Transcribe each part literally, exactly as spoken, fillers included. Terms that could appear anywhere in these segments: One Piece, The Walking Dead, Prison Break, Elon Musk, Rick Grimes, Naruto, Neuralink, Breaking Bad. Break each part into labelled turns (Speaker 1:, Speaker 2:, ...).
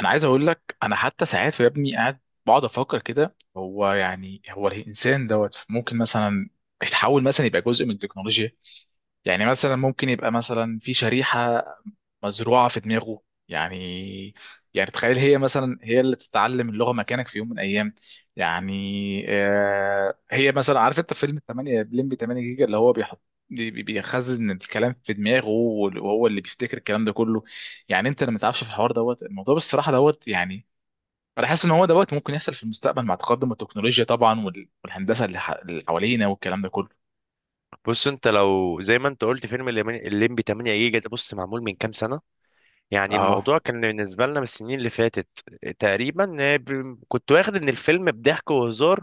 Speaker 1: انا عايز اقول لك انا حتى ساعات يا ابني قاعد بقعد افكر كده هو يعني هو الانسان دوت ممكن مثلا يتحول مثلا يبقى جزء من التكنولوجيا. يعني مثلا ممكن يبقى مثلا في شريحة مزروعة في دماغه. يعني يعني تخيل هي مثلا هي اللي تتعلم اللغة مكانك في يوم من الأيام. يعني آه هي مثلا عارف أنت فيلم تمنية بلمبي تمنية جيجا اللي هو بيحط بي- بي- بيخزن الكلام في دماغه وهو اللي بيفتكر الكلام ده كله. يعني أنت لما تعرفش في الحوار دوت الموضوع بالصراحة دوت يعني أنا حاسس إن هو دوت ممكن يحصل في المستقبل مع تقدم التكنولوجيا طبعا وال- والهندسة اللي ح- اللي حوالينا والكلام ده كله.
Speaker 2: بص، انت لو زي ما انت قلت فيلم الليمبي تمانية جيجا، ده بص معمول من كام سنة؟ يعني
Speaker 1: أه
Speaker 2: الموضوع كان بالنسبة لنا من السنين اللي فاتت تقريبا. آه، ب- كنت واخد ان الفيلم بضحك وهزار،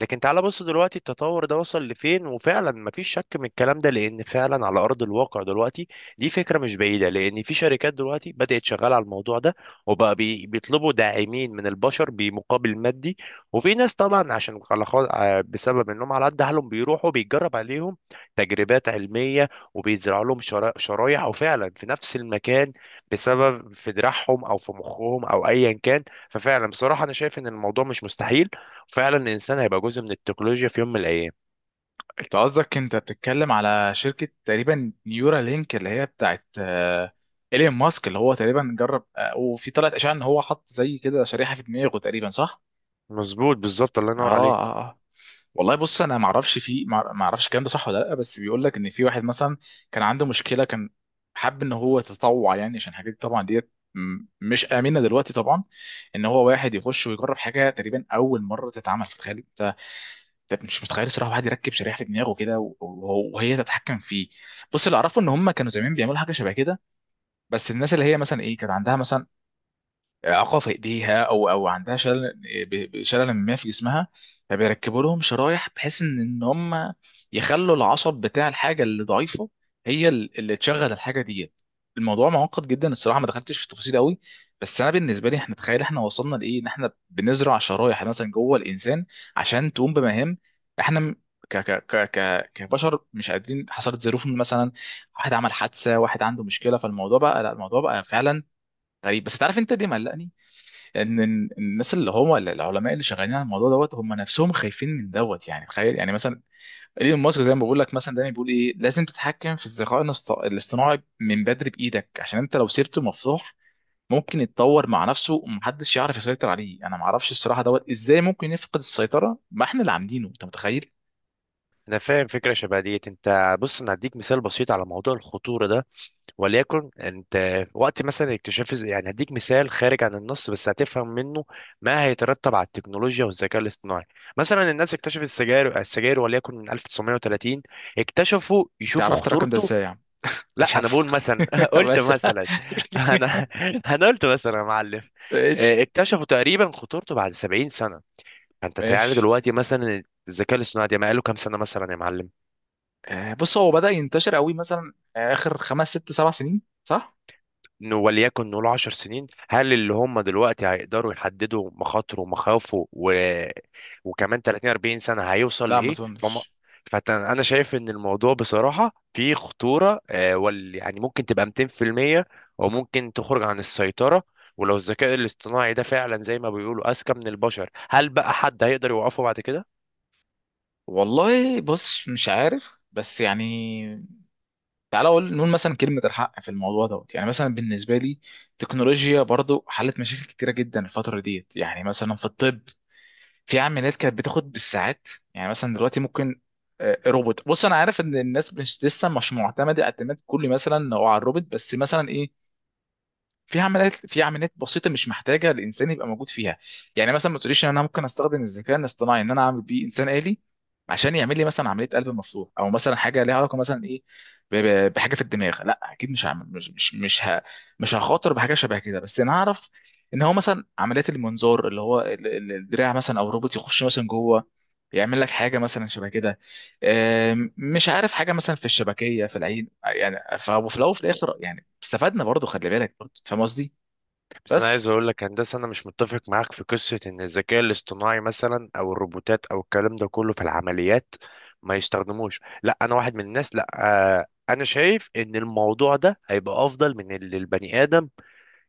Speaker 2: لكن تعال بص دلوقتي التطور ده وصل لفين. وفعلا مفيش شك من الكلام ده، لان فعلا على ارض الواقع دلوقتي دي فكرة مش بعيدة، لان في شركات دلوقتي بدأت شغالة على الموضوع ده، وبقى بي- بيطلبوا داعمين من البشر بمقابل مادي. وفي ناس طبعا، عشان على خا- آه، بسبب انهم على قد حالهم بيروحوا بيتجرب عليهم تجربات علمية، وبيزرعوا لهم شرا- شرايح، وفعلا في نفس المكان، بسبب في دراعهم او في مخهم او ايا كان. ففعلا بصراحه انا شايف ان الموضوع مش مستحيل، وفعلا الانسان هيبقى جزء من التكنولوجيا في يوم من الايام.
Speaker 1: انت قصدك انت بتتكلم على شركة تقريبا نيورا لينك اللي هي بتاعت آه، ايلون ماسك اللي هو تقريبا جرب آه، وفي طلعت اشاعة ان هو حط زي كده شريحة في دماغه تقريبا صح؟
Speaker 2: مظبوط، بالظبط، الله
Speaker 1: اه.
Speaker 2: ينور عليك.
Speaker 1: اه اه. والله بص انا ما اعرفش في ما اعرفش الكلام ده صح ولا لا، بس بيقول لك ان في واحد مثلا كان عنده مشكلة، كان حب ان هو يتطوع يعني عشان حاجات طبعا ديت م- مش آمنة دلوقتي طبعا، ان هو واحد يخش ويجرب حاجة تقريبا اول مرة تتعمل في الخارج. ده مش متخيل الصراحه واحد يركب شريحه في دماغه كده و- وهو- وهي تتحكم فيه. بص اللي اعرفه ان هم كانوا زمان بيعملوا حاجه شبه كده، بس الناس اللي هي مثلا ايه كانت عندها مثلا اعاقه في ايديها او او عندها شلل، ب- ب- شلل ما في جسمها، فبيركبوا لهم شرايح بحيث ان ان هم يخلوا العصب بتاع الحاجه اللي ضعيفه هي ال- اللي تشغل الحاجه دي. الموضوع معقد جدا الصراحه، ما دخلتش في التفاصيل قوي، بس انا بالنسبه لي احنا تخيل احنا وصلنا لايه، ان احنا بنزرع شرايح مثلا جوه الانسان عشان تقوم بمهام احنا م- ك ك ك ك كبشر مش قادرين. حصلت ظروف مثلا، واحد عمل حادثه، واحد عنده مشكله، فالموضوع بقى لا، الموضوع بقى فعلا غريب. بس تعرف انت دي مقلقني، ان إن الناس اللي هم العلماء اللي شغالين على الموضوع دوت هم نفسهم خايفين من دوت. يعني تخيل يعني مثلا ايلون ماسك زي ما بقول لك، مثلا دايما بيقول ايه لازم تتحكم في الذكاء الاصط- الاصطناعي من بدري بايدك، عشان انت لو سيبته مفتوح ممكن يتطور مع نفسه ومحدش يعرف يسيطر عليه. انا ما اعرفش الصراحه دوت ازاي ممكن يفقد السيطره، ما احنا اللي عاملينه، انت متخيل.
Speaker 2: انا فاهم فكره شبه ديت. انت بص، انا هديك مثال بسيط على موضوع الخطوره ده، وليكن انت وقت مثلا اكتشاف الز- يعني هديك مثال خارج عن النص، بس هتفهم منه ما هيترتب على التكنولوجيا والذكاء الاصطناعي. مثلا الناس اكتشفت السجاير، السجاير وليكن من الف وتسعمية وتلاتين اكتشفوا
Speaker 1: انت
Speaker 2: يشوفوا
Speaker 1: عرفت الرقم ده
Speaker 2: خطورته.
Speaker 1: ازاي يا عم؟
Speaker 2: لا،
Speaker 1: مش
Speaker 2: انا
Speaker 1: عارفه.
Speaker 2: بقول مثلا قلت
Speaker 1: بس.
Speaker 2: مثلا. انا انا قلت مثلا يا معلم.
Speaker 1: ماشي.
Speaker 2: آه، اكتشفوا تقريبا خطورته بعد سبعين سنه. فانت تعالى
Speaker 1: ماشي.
Speaker 2: دلوقتي مثلا الذكاء الاصطناعي ده ما قاله كام سنه مثلا يا معلم؟
Speaker 1: آه، بص هو بدأ ينتشر قوي مثلا آخر خمس ست سبع سنين صح؟
Speaker 2: إنه وليكن نقول عشر سنين، هل اللي هم دلوقتي هيقدروا يحددوا مخاطره ومخاوفه و... وكمان تلاتين اربعين سنة هيوصل
Speaker 1: لا ما
Speaker 2: لإيه؟ فما
Speaker 1: اظنش.
Speaker 2: فأنا شايف إن الموضوع بصراحة فيه خطورة، آه، وال... يعني ممكن تبقى ميتين في المية، وممكن تخرج عن السيطرة. ولو الذكاء الاصطناعي ده فعلا زي ما بيقولوا أذكى من البشر، هل بقى حد هيقدر يوقفه بعد كده؟
Speaker 1: والله بص مش عارف، بس يعني تعالى اقول نقول مثلا كلمة الحق في الموضوع دوت. يعني مثلا بالنسبة لي التكنولوجيا برضو حلت مشاكل كتيرة جدا الفترة ديت، يعني مثلا في الطب في عمليات كانت بتاخد بالساعات. يعني مثلا دلوقتي ممكن آه، روبوت. بص انا عارف ان الناس مش لسه مش معتمدة اعتماد كلي مثلا هو على الروبوت، بس مثلا ايه في عمليات في عمليات بسيطه مش محتاجه الانسان يبقى موجود فيها. يعني مثلا ما تقوليش ان انا ممكن استخدم الذكاء الاصطناعي ان انا اعمل بيه انسان آلي عشان يعمل لي مثلا عمليه قلب مفتوح، او مثلا حاجه ليها علاقه مثلا ايه ب- ب- بحاجه في الدماغ، لا اكيد مش هعمل، مش مش مش ه... مش هخاطر بحاجه شبه كده. بس انا اعرف ان هو مثلا عمليات المنظار اللي هو ال- ال- الدراع مثلا او الروبوت يخش مثلا جوه يعمل لك حاجه مثلا شبه كده، آم، مش عارف حاجه مثلا في الشبكيه في العين. يعني فلو في الاول وفي الاخر يعني استفدنا برضه، خلي بالك برضه، فاهم قصدي؟
Speaker 2: بس انا
Speaker 1: بس
Speaker 2: عايز اقول لك، هندسه، انا مش متفق معاك في قصه ان الذكاء الاصطناعي مثلا او الروبوتات او الكلام ده كله في العمليات ما يستخدموش. لا، انا واحد من الناس، لا. آه، انا شايف ان الموضوع ده هيبقى افضل من اللي البني ادم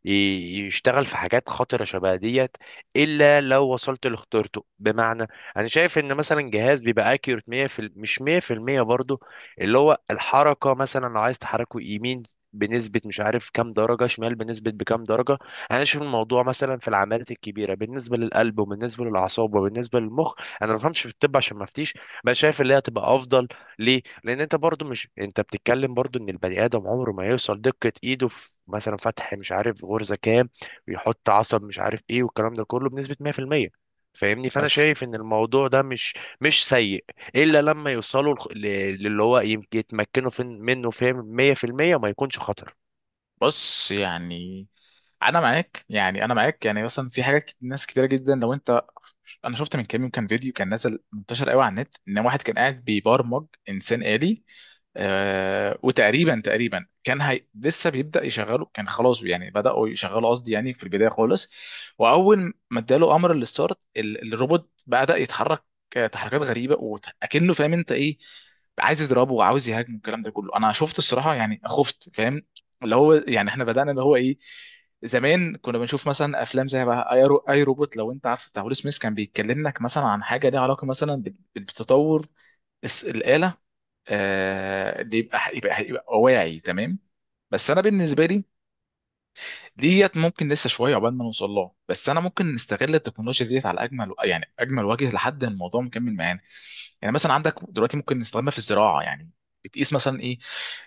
Speaker 2: ي- يشتغل في حاجات خطرة شبه ديت، إلا لو وصلت لاختيارته. بمعنى، أنا شايف إن مثلا جهاز بيبقى أكيوريت مية في ال- مش مية في المية برضه، اللي هو الحركة مثلا لو عايز تحركه يمين بنسبة مش عارف كام درجة، شمال بنسبة بكام درجة. أنا شايف الموضوع مثلا في العمليات الكبيرة بالنسبة للقلب وبالنسبة للأعصاب وبالنسبة للمخ. أنا ما بفهمش في الطب عشان ما أفتيش، بس شايف اللي هي هتبقى أفضل. ليه؟ لأن أنت برضو مش أنت بتتكلم برضو إن البني آدم عمره ما يوصل دقة إيده في مثلا فتح مش عارف غرزة كام، ويحط عصب مش عارف إيه والكلام ده كله بنسبة مية في المية. فاهمني؟ فأنا
Speaker 1: بس
Speaker 2: شايف إن الموضوع ده مش مش سيء، إلا لما يوصلوا لخ- ل- للي هو يمكن يتمكنوا فين- منه، فاهم مية في المية، وما يكونش خطر.
Speaker 1: بص يعني انا معاك، يعني انا معاك، يعني مثلا في حاجات كت- ناس كتيره جدا لو انت. انا شفت من كام يوم كان فيديو كان نازل منتشر قوي على النت، ان واحد كان قاعد بيبرمج انسان آلي. آه، وتقريبا تقريبا كان هي... لسه بيبدأ يشغله، كان خلاص يعني بدأوا يشغلوا قصدي يعني في البداية خالص، وأول ما اداله أمر الستارت ال- الروبوت بدأ يتحرك آه، تحركات غريبة وأكنه فاهم أنت إيه، عايز يضربه وعاوز يهاجمه، الكلام ده كله أنا شفت الصراحة يعني خفت. فاهم؟ اللي هو يعني إحنا بدأنا اللي هو إيه، زمان كنا بنشوف مثلا افلام زي بقى اي رو- أي روبوت، لو انت عارف بتاع ويل سميث كان بيتكلم لك مثلا عن حاجه ليها علاقه مثلا بال- بالتطور، الس- الآلة، آه، اللي يبقى يبقى يبقى واعي تمام. بس انا بالنسبه لي ديت ممكن لسه شويه عقبال ما نوصل لها، بس انا ممكن نستغل التكنولوجيا ديت على اجمل يعني اجمل وجه لحد الموضوع مكمل معانا. يعني مثلا عندك دلوقتي ممكن نستخدمها في الزراعه، يعني بتقيس مثلا ايه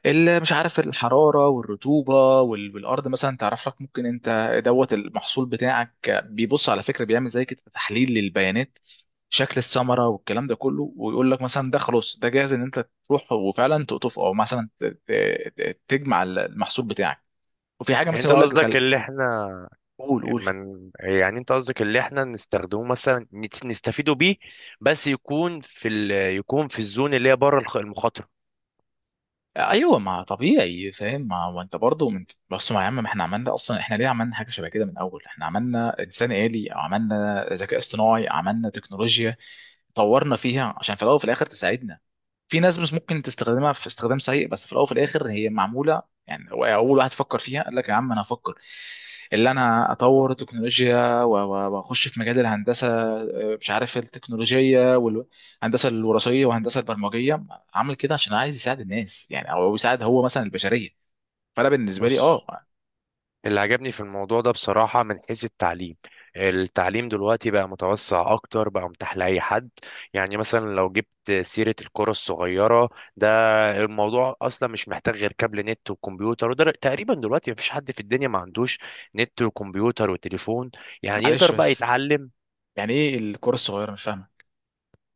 Speaker 1: اللي مش عارف، الحراره والرطوبه وال- والارض مثلا، تعرف لك ممكن انت دوت المحصول بتاعك بيبص، على فكره بيعمل زي كده تحليل للبيانات، شكل الثمره والكلام ده كله، ويقول لك مثلا ده خلاص ده جاهز ان انت تروح وفعلا تقطفه، او مثلا ت- ت- ت- تجمع المحصول بتاعك. وفي حاجه
Speaker 2: يعني
Speaker 1: مثلا
Speaker 2: انت
Speaker 1: يقول لك.
Speaker 2: قصدك اللي احنا
Speaker 1: قول، قول.
Speaker 2: من يعني انت قصدك اللي احنا نستخدمه مثلا، نت- نستفيدوا بيه، بس يكون في ال... يكون في الزون اللي هي بره الخ- المخاطره.
Speaker 1: ايوه ما طبيعي فاهم، ما هو انت برضه من بص، ما يا عم ما احنا عملنا اصلا، احنا ليه عملنا حاجه شبه كده من الاول؟ احنا عملنا انسان آلي، عملنا ذكاء اصطناعي، عملنا تكنولوجيا، طورنا فيها عشان في الاول وفي الاخر تساعدنا. في ناس مش ممكن تستخدمها في استخدام سيء، بس في الاول وفي الاخر هي معموله، يعني هو اول واحد فكر فيها قال لك يا عم انا هفكر، اللي انا اطور تكنولوجيا و- و- واخش في مجال الهندسه آه، مش عارف التكنولوجيه والهندسه الوراثيه والهندسه البرمجيه، عامل كده عشان عايز يساعد الناس يعني، او يساعد هو مثلا البشريه. فانا بالنسبه لي اه.
Speaker 2: بص، اللي عجبني في الموضوع ده بصراحة من حيث التعليم. التعليم دلوقتي بقى متوسع أكتر، بقى متاح لأي حد. يعني مثلا لو جبت سيرة الكرة الصغيرة ده، الموضوع أصلا مش محتاج غير كابل نت وكمبيوتر، وده تقريبا دلوقتي مفيش حد في الدنيا ما عندوش نت وكمبيوتر وتليفون، يعني يقدر
Speaker 1: معلش
Speaker 2: بقى
Speaker 1: بس،
Speaker 2: يتعلم.
Speaker 1: يعني ايه الكره الصغيره؟ مش فاهمه.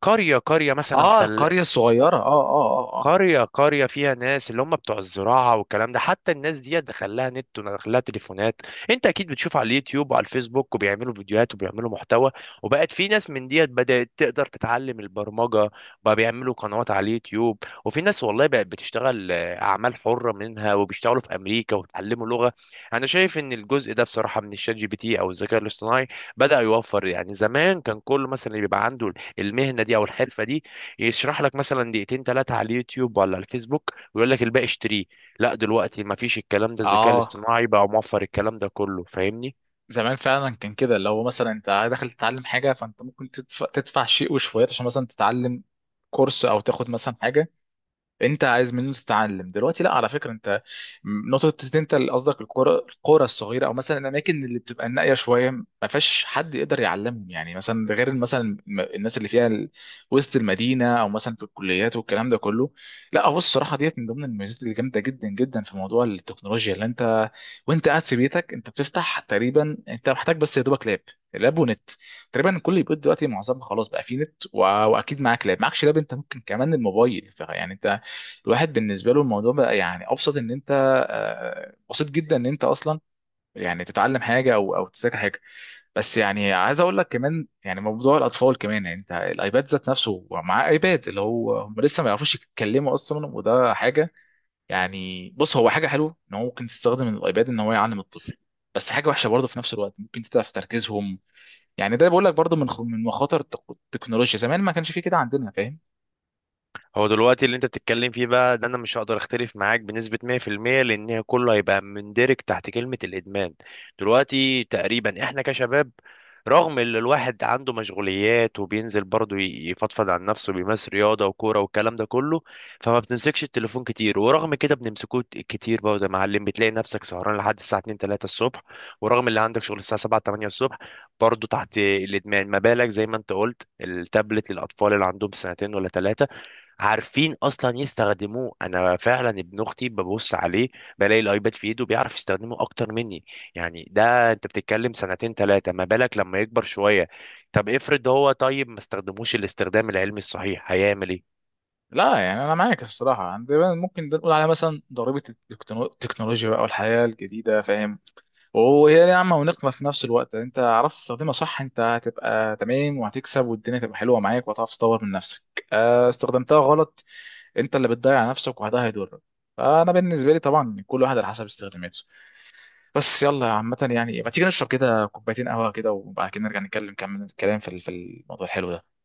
Speaker 2: قرية قرية مثلا
Speaker 1: اه
Speaker 2: فلاح،
Speaker 1: القريه الصغيره. اه اه اه.
Speaker 2: قرية قرية فيها ناس اللي هم بتوع الزراعة والكلام ده، حتى الناس دي دخلها نت ودخلها تليفونات. انت اكيد بتشوف على اليوتيوب وعلى الفيسبوك، وبيعملوا فيديوهات وبيعملوا محتوى، وبقت في ناس من ديت بدأت تقدر تتعلم البرمجة، بقى بيعملوا قنوات على اليوتيوب. وفي ناس والله بقت بتشتغل آه، أعمال حرة منها، وبيشتغلوا في أمريكا وبيتعلموا لغة. أنا شايف إن الجزء ده بصراحة من الشات جي بي تي أو الذكاء الاصطناعي بدأ يوفر. يعني زمان كان كل مثلا اللي بيبقى عنده المهنة دي أو الحرفة دي يشرح لك مثلا دقيقتين ثلاثه على اليوتيوب ولا على الفيسبوك ويقول لك الباقي اشتريه. لا، دلوقتي ما فيش الكلام ده، الذكاء
Speaker 1: اه اه.
Speaker 2: الاصطناعي بقى موفر الكلام ده كله. فاهمني؟
Speaker 1: زمان فعلا كان كده، اللي هو مثلا انت داخل تتعلم حاجه، فانت ممكن تدفع، تدفع شيء وشويات عشان مثلا تتعلم كورس، او تاخد مثلا حاجه انت عايز منه تتعلم. دلوقتي لا، على فكره انت م- نقطه إن انت اللي قصدك، القرى، القرى الصغيره، او مثلا الاماكن اللي بتبقى النائيه شويه ما فيهاش حد يقدر يعلمهم، يعني مثلا غير مثلا الم- الناس اللي فيها ال- وسط المدينه، او مثلا في الكليات والكلام ده كله. لا هو الصراحه ديت من ضمن الميزات الجامده جدا جدا في موضوع التكنولوجيا، اللي انت وانت قاعد في بيتك انت بتفتح تقريبا، انت محتاج بس يا دوبك لاب، لاب ونت. تقريبا كل البيوت دلوقتي معظمها خلاص بقى فيه نت و... واكيد معاك لاب، معكش لاب انت ممكن كمان الموبايل، ف- يعني انت الواحد بالنسبه له الموضوع بقى يعني ابسط ان انت آه، بسيط جدا ان انت اصلا يعني تتعلم حاجه او او تذاكر حاجه. بس يعني عايز اقول لك كمان، يعني موضوع الاطفال كمان، يعني انت الايباد ذات نفسه مع ايباد اللي هو هم لسه ما يعرفوش يتكلموا اصلا، وده حاجه، يعني بص هو حاجه حلوه ان هو ممكن تستخدم الايباد ان هو يعلم الطفل، بس حاجه وحشه برضه في نفس الوقت ممكن تتعب في تركيزهم. يعني ده بقول لك برضه من خ- من مخاطر التك- التكنولوجيا، زمان ما كانش فيه كده عندنا فاهم.
Speaker 2: هو دلوقتي اللي انت بتتكلم فيه بقى ده انا مش هقدر اختلف معاك بنسبة مية في المية، لان هي كله هيبقى مندرج تحت كلمة الادمان. دلوقتي تقريبا احنا كشباب، رغم ان الواحد عنده مشغوليات وبينزل برضه ي- يفضفض عن نفسه، بيمارس رياضة وكورة والكلام ده كله، فما بنمسكش التليفون كتير، ورغم كده بنمسكوه كتير برضه يا معلم، بتلاقي نفسك سهران لحد الساعة اتنين تلاتة الصبح، ورغم اللي عندك شغل الساعة السابعة تمانية الصبح، برضه تحت الادمان. ما بالك زي ما انت قلت التابلت للاطفال اللي عندهم سنتين ولا ثلاثة عارفين اصلا يستخدموه؟ انا فعلا ابن اختي ببص عليه بلاقي الايباد في ايده، بيعرف يستخدمه اكتر مني. يعني ده انت بتتكلم سنتين ثلاثه، ما بالك لما يكبر شويه؟ طب افرض هو طيب ما استخدموش الاستخدام العلمي الصحيح، هيعمل ايه؟
Speaker 1: لا يعني انا معاك الصراحه عندنا، ممكن ده نقول عليها مثلا ضريبه التكنو- التكنولوجيا بقى والحياه الجديده فاهم. وهي نعمه ونقمه في نفس الوقت، يعني انت عرفت تستخدمها صح انت هتبقى تمام وهتكسب والدنيا تبقى حلوه معاك وهتعرف تطور من نفسك، آه، استخدمتها غلط انت اللي بتضيع نفسك، وده هيضرك. فانا بالنسبه لي طبعا كل واحد على حسب استخداماته. بس يلا عامه يعني ما تيجي نشرب كده كوبايتين قهوه كده، وبعد كده نرجع نتكلم كمل الكلام في في الموضوع الحلو ده.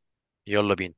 Speaker 2: يلا بينا.